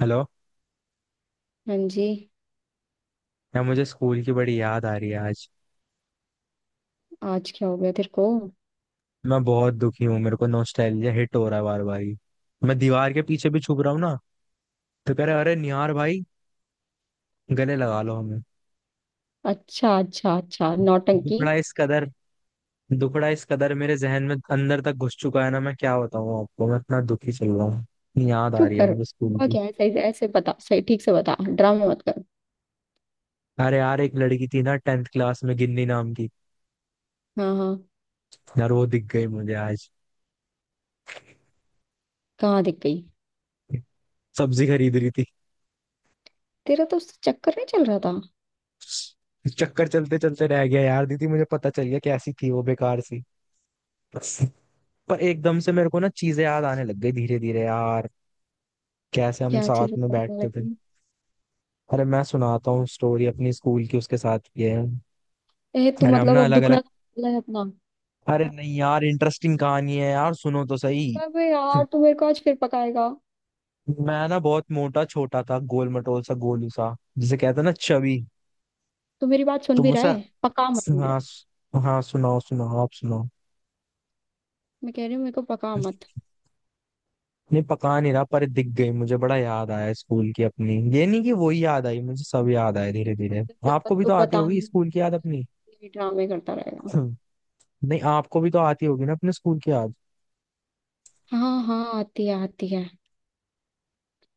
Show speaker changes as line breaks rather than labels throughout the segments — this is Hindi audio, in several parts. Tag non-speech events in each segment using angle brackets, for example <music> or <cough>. हेलो।
हाँ जी।
यार मुझे स्कूल की बड़ी याद आ रही है आज।
आज क्या हो गया तेरे को।
मैं बहुत दुखी हूँ। मेरे को नॉस्टैल्जिया हिट हो रहा है बार बार ही। मैं दीवार के पीछे भी छुप रहा हूँ ना, तो कह रहे, अरे निहार भाई गले लगा लो हमें।
अच्छा अच्छा अच्छा, नौटंकी।
दुखड़ा इस कदर दुखड़ा इस कदर मेरे जहन में अंदर तक घुस चुका है ना। मैं क्या बताऊँ आपको। मैं इतना दुखी चल रहा हूँ, इतनी याद आ
चुप
रही है
कर।
मुझे स्कूल
हुआ
की।
क्या है सही से ऐसे बता, सही ठीक से बता, ड्रामा मत कर।
अरे यार, एक लड़की थी ना टेंथ क्लास में, गिन्नी नाम की।
हाँ हाँ।
यार वो दिख गई मुझे आज,
कहाँ दिख गई।
सब्जी खरीद रही।
तेरा तो उससे चक्कर नहीं चल रहा था।
चक्कर चलते चलते रह गया यार। दीदी, मुझे पता चल गया कैसी थी वो, बेकार सी। पर एकदम से मेरे को ना चीजें याद आने लग गई धीरे धीरे यार, कैसे हम
क्या
साथ
चीज
में
बताने
बैठते थे।
लगी।
अरे मैं सुनाता हूँ स्टोरी अपनी स्कूल की, उसके साथ ये है।
ए तू
अरे हम
मतलब
ना
अब
अलग
दुखड़ा
अलग।
निकाला है अपना।
अरे नहीं यार, इंटरेस्टिंग कहानी है यार, सुनो तो सही।
अबे यार, तू मेरे को आज फिर पकाएगा।
मैं ना बहुत मोटा छोटा था, गोल मटोल सा, गोलू सा, जिसे कहते हैं ना चबी।
तू मेरी बात
तो
सुन भी रहा
मुझे
है? पका मत मुझे।
हाँ, हाँ, सुनाओ सुनाओ, आप सुनाओ।
मैं कह रही हूँ मेरे को पका मत।
नहीं पका नहीं रहा, पर दिख गई मुझे, बड़ा याद आया स्कूल की अपनी। ये नहीं कि वही याद आई मुझे, सब याद आए धीरे धीरे।
मतलब जब तक
आपको भी
तू
तो आती
बता
होगी
नहीं
स्कूल की
तब
याद अपनी। <laughs>
तक ये ड्रामे करता रहेगा।
<clears throat> नहीं, आपको भी तो आती होगी ना अपने स्कूल की याद।
हाँ हाँ, आती है आती है।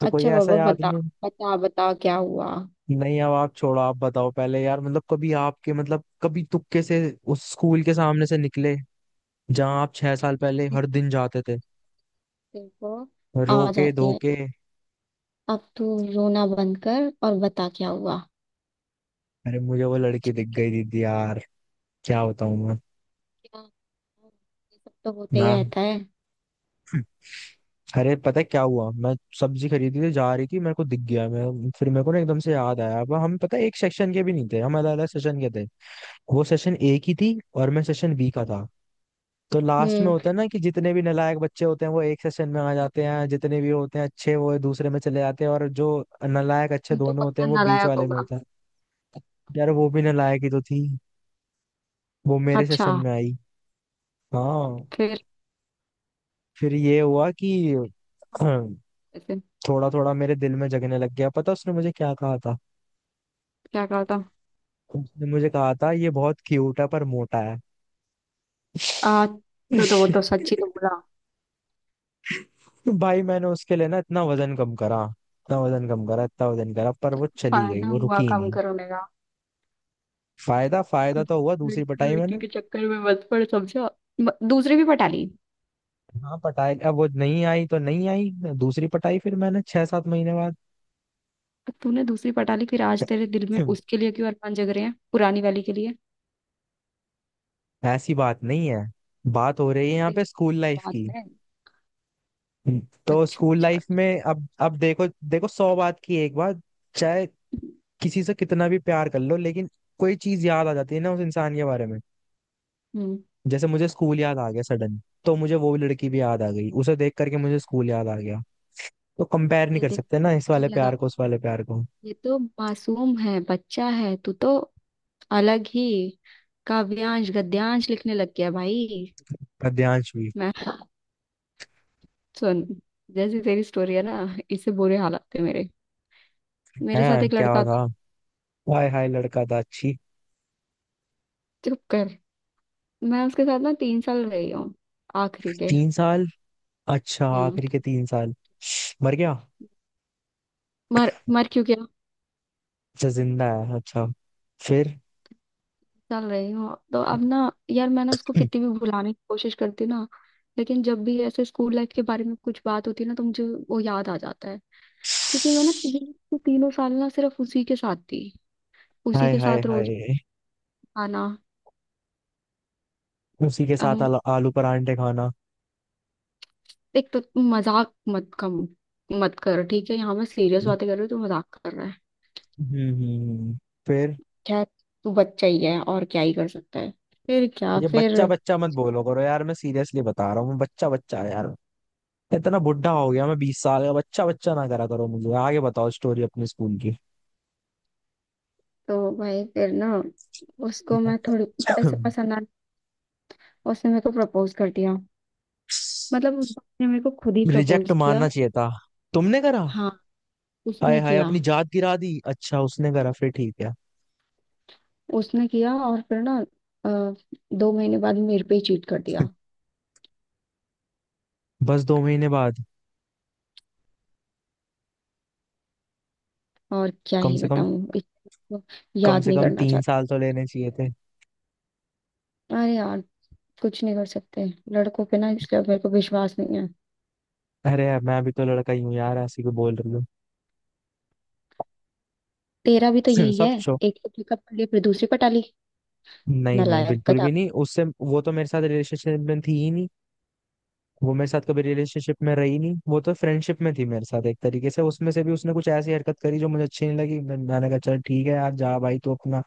तो कोई
अच्छा
ऐसा
बाबा
याद
बता।
नहीं?
बता बता क्या हुआ।
नहीं, अब आप छोड़ो, आप बताओ पहले यार। मतलब कभी आपके मतलब कभी तुक्के से उस स्कूल के सामने से निकले जहां आप 6 साल पहले हर दिन जाते थे,
देखो। आ
रोके
जाती है।
धोके।
अब तू रोना बंद कर और बता क्या हुआ।
अरे मुझे वो लड़की दिख
ठीक है।
गई दीदी यार, क्या बताऊं मैं
क्या। ये सब तो होते
ना।
ही रहता है।
अरे पता है क्या हुआ? मैं सब्जी खरीदी थी, जा रही थी, मेरे को दिख गया। मैं फिर मेरे को ना एकदम से याद आया। अब हम पता है एक सेक्शन के भी नहीं थे, हम अलग अलग सेशन के थे। वो सेशन ए की थी और मैं सेशन बी का था। तो लास्ट में
हम्म।
होता है ना कि जितने भी नालायक बच्चे होते हैं वो एक सेशन में आ जाते हैं, जितने भी होते हैं अच्छे वो दूसरे में चले जाते हैं, और जो नालायक अच्छे
तू तो
दोनों होते
पक्का
हैं वो बीच
नालायक
वाले में
होगा।
होता है। यार वो भी नालायक ही तो थी, वो मेरे
अच्छा।
सेशन में आई। हाँ।
फिर।
फिर ये हुआ कि <clears throat>
ऐसे।
थोड़ा थोड़ा मेरे दिल में जगने लग गया। पता उसने मुझे क्या कहा था?
क्या कहा था।
उसने मुझे कहा था, ये बहुत क्यूट है पर मोटा है।
तो वो तो सच ही तो
<laughs>
बोला।
भाई मैंने उसके लिए ना इतना वजन कम करा, इतना वजन कम करा, इतना वजन करा, पर वो चली गई,
फायदा
वो
हुआ
रुकी
काम
नहीं।
करने का।
फायदा, फायदा तो हुआ। दूसरी
लड़की
पटाई
लड़की
मैंने।
के चक्कर में मत पड़, समझा। दूसरी भी पटा ली।
हाँ पटाई, अब वो नहीं आई तो नहीं आई। दूसरी पटाई फिर मैंने 6-7 महीने बाद।
तूने दूसरी पटा ली फिर आज तेरे दिल में उसके
<clears throat>
लिए क्यों अरमान जग रहे हैं पुरानी वाली के लिए?
ऐसी बात नहीं है। बात हो रही है यहाँ पे स्कूल लाइफ
बात
की।
है।
तो
अच्छा
स्कूल
अच्छा।
लाइफ में, अब देखो देखो, सौ बात की एक बात, चाहे किसी से कितना भी प्यार कर लो लेकिन कोई चीज याद आ जाती है ना उस इंसान के बारे में।
हम्म।
जैसे मुझे स्कूल याद आ गया सडन, तो मुझे वो लड़की भी याद आ गई। उसे देख करके मुझे स्कूल याद आ गया। तो कंपेयर नहीं
ये
कर
देख,
सकते ना इस
मुझे
वाले प्यार
लगा,
को उस वाले प्यार को।
ये तो मासूम है, बच्चा है तू तो। अलग ही काव्यांश गद्यांश लिखने लग गया भाई।
पद्यांश भी।
मैं। सुन। जैसी तेरी स्टोरी है ना, इससे बुरे हालात थे मेरे।
है
मेरे साथ एक
क्या
लड़का
था?
था।
हाय हाय लड़का था, अच्छी।
चुप कर। मैं उसके साथ ना तीन साल रही हूँ। आखिरी के।
3 साल? अच्छा,
हम्म।
आखिरी के 3 साल। मर गया?
मर मर क्यों गया।
अच्छा, जिंदा है, अच्छा। फिर? <clears throat>
चल रही हूँ तो अब ना, यार मैं ना उसको
हम्म।
कितनी भी भुलाने की कोशिश करती हूँ ना, लेकिन जब भी ऐसे स्कूल लाइफ के बारे में कुछ बात होती है ना तो मुझे वो याद आ जाता है। क्योंकि मैं ना तीनों तीनों साल ना सिर्फ उसी के साथ थी, उसी
हाय
के
हाय
साथ रोज
हाय,
आना।
उसी के साथ
हम।
आलू परांठे खाना।
एक तो तुम मजाक मत कम मत कर, ठीक है? यहाँ मैं सीरियस
हम्म,
बातें कर रही हूँ तो मजाक कर रहा है।
हम्म, हम्म। फिर?
खैर। तू बच्चा ही है, और क्या ही कर सकता है। फिर क्या
ये
फिर?
बच्चा बच्चा मत बोलो करो यार, मैं सीरियसली बता रहा हूँ। बच्चा बच्चा है यार, इतना बुढ़ा हो गया। मैं 20 साल का, बच्चा बच्चा ना करा करो। मुझे आगे बताओ स्टोरी अपने स्कूल की।
तो भाई फिर ना उसको मैं थोड़ी ऐसे पसंद आ। उसने मेरे को प्रपोज कर दिया। मतलब उस बाप ने मेरे को खुद ही
रिजेक्ट
प्रपोज किया।
मानना चाहिए था। तुमने करा?
हाँ।
हाय
उसने
हाय
किया।
अपनी जात गिरा दी। अच्छा, उसने करा, फिर ठीक है।
उसने किया और फिर ना अ, दो महीने बाद मेरे पे ही चीट कर दिया।
बस 2 महीने बाद?
और क्या
कम
ही
से कम
बताऊं इसको।
कम
याद
से
नहीं
कम
करना
तीन
चाहती।
साल तो लेने चाहिए थे।
अरे यार, कुछ नहीं कर सकते। लड़कों पे ना, इसलिए अब मेरे को विश्वास नहीं है।
अरे यार, मैं भी तो लड़का ही हूँ यार, ऐसे क्यों बोल रही हूँ।
तेरा भी तो
<laughs>
यही
सब
है।
छो
एक को पिकअप कर लिया फिर दूसरी पर टाली।
नहीं नहीं
नालायक
बिल्कुल
गधा।
भी नहीं। उससे वो तो मेरे साथ रिलेशनशिप में थी ही नहीं। वो मेरे साथ कभी रिलेशनशिप में रही नहीं। वो तो फ्रेंडशिप में थी मेरे साथ, एक तरीके से उसमें से भी उसने कुछ ऐसी हरकत करी जो मुझे अच्छी नहीं लगी। मैंने कहा, चल ठीक है यार, जा भाई तू अपना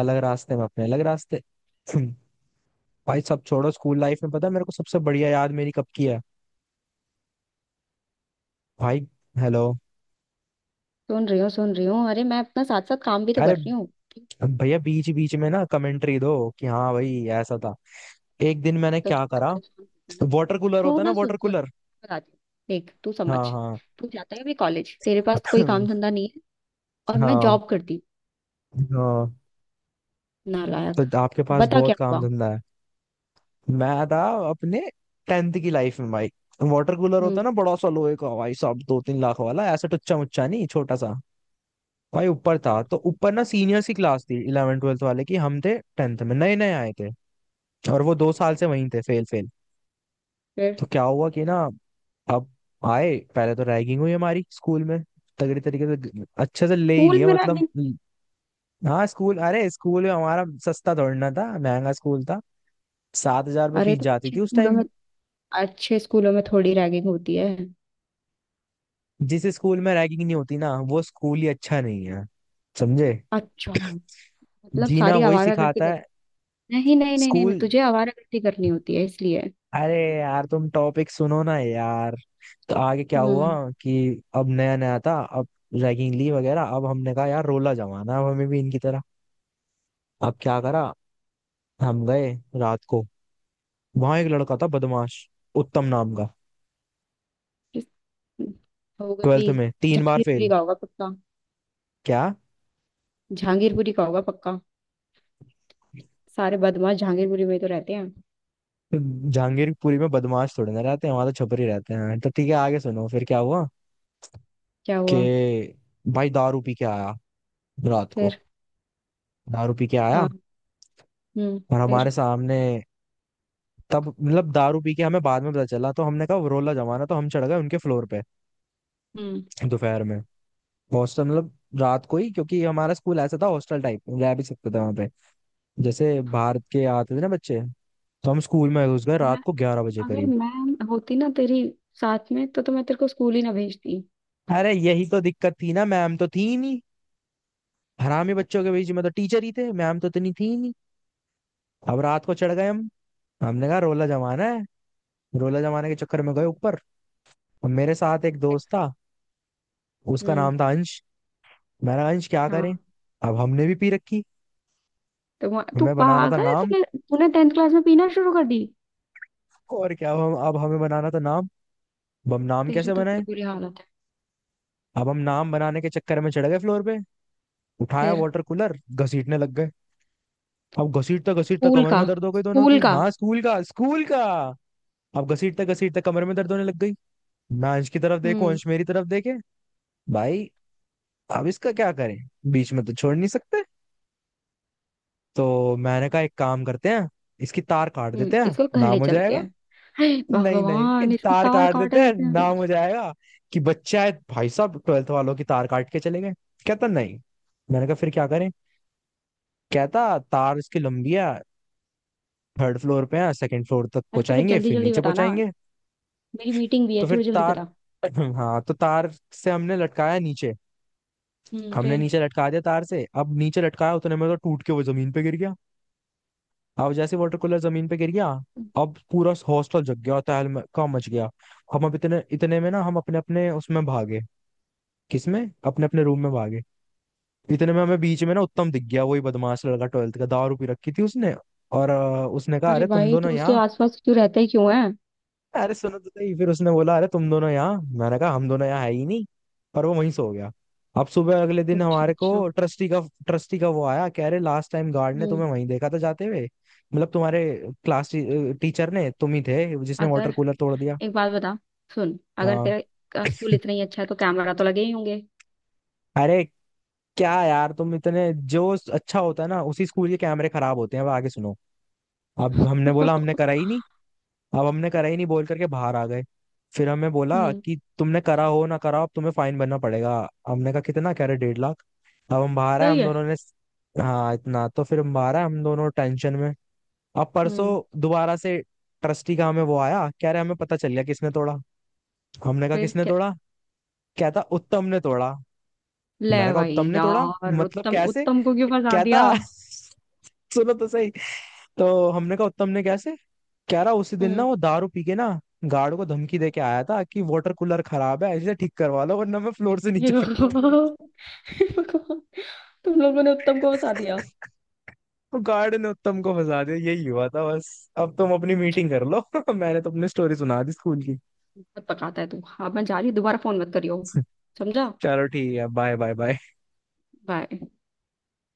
अलग रास्ते में, अपने अलग रास्ते। <clears throat> भाई सब छोड़ो। स्कूल लाइफ में पता है मेरे को सबसे बढ़िया याद मेरी कब की है भाई? हेलो?
सुन रही हूँ सुन रही हूँ, अरे मैं अपना साथ साथ काम भी तो कर
अरे
रही हूँ तो।
भैया बीच बीच में ना कमेंट्री दो कि हाँ भाई ऐसा था। एक दिन मैंने
तुम
क्या
इतना
करा,
परेशान मत होना।
वाटर कूलर
तू
होता है ना,
ना सुन
वाटर
सुन।
कूलर।
बताती हूँ। देख तू समझ।
हाँ, हाँ।
तू जाता है अभी कॉलेज, तेरे पास कोई काम
<clears throat> <laughs>
धंधा नहीं है। और मैं
हाँ,
जॉब करती
हाँ,
हूँ, नालायक।
तो आपके पास
बता क्या
बहुत काम
हुआ।
धंधा है। मैं था अपने टेंथ की लाइफ में भाई। वाटर कूलर होता
हम्म।
है ना, बड़ा सा लोहे का भाई साहब, 2-3 लाख वाला, ऐसा टुच्चा मुच्चा नहीं, छोटा सा। भाई ऊपर था तो, ऊपर ना सीनियर्स की क्लास थी, इलेवन ट्वेल्थ वाले की, हम थे टेंथ में नए नए आए थे, और वो 2 साल से वहीं थे, फेल फेल।
फिर।
तो क्या हुआ कि ना, अब आए पहले तो रैगिंग हुई हमारी स्कूल में, तगड़ी तरीके से, अच्छे से ले ही
स्कूल
लिया
में
मतलब।
रैगिंग?
हाँ स्कूल, अरे स्कूल में हमारा सस्ता दौड़ना था, महंगा स्कूल था। 7,000
अरे
फीस
तो
जाती
अच्छे
थी उस
स्कूलों में,
टाइम।
अच्छे स्कूलों में थोड़ी रैगिंग होती है।
जिस स्कूल में रैगिंग नहीं होती ना वो स्कूल ही अच्छा नहीं है, समझे।
अच्छा। मतलब
जीना
सारी
वही
आवारा गर्दी
सिखाता
कर।
है
नहीं नहीं नहीं नहीं नहीं,
स्कूल।
तुझे आवारा गर्दी करनी होती है इसलिए।
अरे यार तुम टॉपिक सुनो ना यार। तो आगे क्या हुआ
हम्म।
कि अब नया नया था, अब रैगिंग ली वगैरह। अब हमने कहा यार रोला जमाना है, अब हमें भी इनकी तरह। अब क्या करा, हम गए रात को। वहां एक लड़का था बदमाश, उत्तम नाम का,
किस- होगा भी।
ट्वेल्थ में 3 बार फेल।
जहांगीरपुरी का होगा पक्का।
क्या?
जहांगीरपुरी का होगा पक्का। सारे बदमाश जहांगीरपुरी में ही तो रहते हैं।
जहांगीरपुरी में बदमाश थोड़े ना रहते हैं, वहां तो छपरी रहते हैं। तो ठीक है, आगे सुनो, फिर क्या हुआ
क्या हुआ।
कि भाई दारू पी के आया रात
फिर।
को, दारू पी के आया
हाँ। हम्म।
और हमारे
फिर।
सामने, तब मतलब दारू पी के हमें बाद में पता चला। तो हमने कहा रोला जमाना, तो हम चढ़ गए उनके फ्लोर पे
हम्म।
दोपहर में। हॉस्टल मतलब, रात को ही, क्योंकि हमारा स्कूल ऐसा था, हॉस्टल टाइप रह भी सकते थे वहां पे, जैसे भारत के आते थे ना बच्चे। तो हम स्कूल में घुस गए
मैं।
रात को 11 बजे
अगर
करीब।
मैं होती ना तेरी साथ में तो मैं तेरे को स्कूल ही ना भेजती।
अरे यही तो दिक्कत थी ना, मैम तो थी ही नहीं, हरामी बच्चों के बीच में तो टीचर ही थे, मैम तो इतनी थी ही नहीं। अब रात को चढ़ गए हम, हमने कहा रोला जमाना है, रोला जमाने के चक्कर में गए ऊपर। और मेरे साथ एक दोस्त था, उसका
हम्म।
नाम था अंश। मैंने कहा, अंश क्या करें?
हाँ।
अब हमने भी पी रखी,
तू
हमें बनाना था
पागल है,
नाम,
तूने तूने टेंथ क्लास में पीना शुरू कर दी।
और क्या। अब हम अब हमें बनाना था नाम, अब हम नाम
तेरे
कैसे
तो बड़ी
बनाए।
बुरी हालत है।
अब हम नाम बनाने के चक्कर में चढ़ गए फ्लोर पे, उठाया
फिर।
वाटर कूलर, घसीटने लग गए। अब घसीटता घसीटता
स्कूल
कमर
का
में दर्द हो गई दोनों
स्कूल
की।
का।
हाँ स्कूल का, स्कूल का। अब घसीटते घसीटते कमर में दर्द होने लग गई। मैं अंश की तरफ देखूं,
हम्म।
अंश मेरी तरफ देखे। भाई, अब इसका क्या करें, बीच में तो छोड़ नहीं सकते। तो मैंने कहा एक काम करते हैं, इसकी तार काट
हम्म।
देते हैं,
इसको घर
नाम
ले
हो
चलते
जाएगा।
हैं। हे
नहीं नहीं,
भगवान, इसकी
तार
तार
काट देते
काटे
हैं,
देते हैं।
नाम हो जाएगा, कि बच्चा है भाई साहब, ट्वेल्थ वालों की तार काट के चले गए। कहता नहीं, मैंने कहा फिर क्या करें। कहता, तार इसकी लंबी है, थर्ड फ्लोर पे है, सेकंड फ्लोर तक
अरे थोड़ा
पहुंचाएंगे
जल्दी
फिर
जल्दी
नीचे
बताना,
पहुंचाएंगे।
मेरी मीटिंग भी है,
तो फिर
थोड़ी जल्दी
तार
बता।
<clears throat> हाँ, तो तार से हमने लटकाया नीचे,
हम्म।
हमने
फिर।
नीचे लटका दिया तार से। अब नीचे लटकाया, उतने में तो टूट के वो जमीन पे गिर गया। अब जैसे वाटर कूलर जमीन पे गिर गया, अब पूरा हॉस्टल जग गया, तहलका मच गया। हम अब इतने इतने में ना हम अपने अपने उसमें भागे, किसमें? अपने अपने रूम में भागे। इतने में हमें बीच में ना उत्तम दिख गया, वही बदमाश लड़का ट्वेल्थ का, दारू पी रखी थी उसने। और उसने कहा,
अरे
अरे तुम
भाई तू
दोनों
उसके
यहाँ।
आसपास क्यों रहता ही क्यों है?
अरे सुनो तो सही। फिर उसने बोला, अरे तुम दोनों यहाँ। मैंने कहा हम दोनों यहाँ है ही नहीं। और वो वहीं सो गया। अब सुबह अगले दिन
अच्छा
हमारे को
अच्छा।
ट्रस्टी का वो आया, कह रहे लास्ट टाइम गार्ड ने
हम्म।
तुम्हें वहीं देखा था जाते हुए, मतलब तुम्हारे क्लास टीचर ने, तुम ही थे जिसने वाटर
अगर
कूलर तोड़ दिया।
एक बात बता। सुन, अगर
हाँ।
तेरा का स्कूल इतना ही अच्छा है तो कैमरा तो लगे ही होंगे।
अरे क्या यार, तुम इतने जो अच्छा होता है ना उसी स्कूल के कैमरे खराब होते हैं। अब आगे सुनो, अब हमने
<laughs>
बोला हमने कराई नहीं। अब हमने कराई नहीं बोल करके बाहर आ गए। फिर हमें बोला
हम्म।
कि तुमने करा हो ना करा हो, अब तुम्हें फाइन भरना पड़ेगा। हमने कहा कितना, कह रहे 1.5 लाख। अब हम बाहर आए
सही
हम
है।
दोनों ने, हाँ इतना तो। फिर हम बाहर आए हम दोनों टेंशन में। अब
हम्म।
परसों दोबारा से ट्रस्टी का हमें वो आया, कह रहे हमें पता चल गया किसने तोड़ा। हमने कहा
फिर
किसने
क्या?
तोड़ा? कहता उत्तम ने तोड़ा।
ले
मैंने कहा
भाई
उत्तम ने तोड़ा?
यार,
मतलब
उत्तम
कैसे?
उत्तम को क्यों फंसा
कहता
दिया?
<laughs> सुनो तो सही। तो हमने कहा उत्तम ने कैसे। कह रहा उसी दिन ना
हम्म।
वो दारू पी के ना, गार्ड को धमकी दे के आया था कि वाटर कूलर खराब है इसे ठीक करवा लो वरना मैं फ्लोर से
ये
नीचे
<laughs>
फेंक।
भगवान। हे भगवान, तुम लोगों ने उत्तम को फंसा दिया।
<laughs> तो गार्ड ने उत्तम को फंसा दिया, यही हुआ था बस। अब तुम अपनी मीटिंग कर लो। <laughs> मैंने तो अपनी स्टोरी सुना दी स्कूल की।
बहुत पकाता है तू, हाँ मैं जा रही हूँ, दोबारा फोन मत करियो। समझा।
<laughs> चलो ठीक है, बाय बाय बाय।
बाय।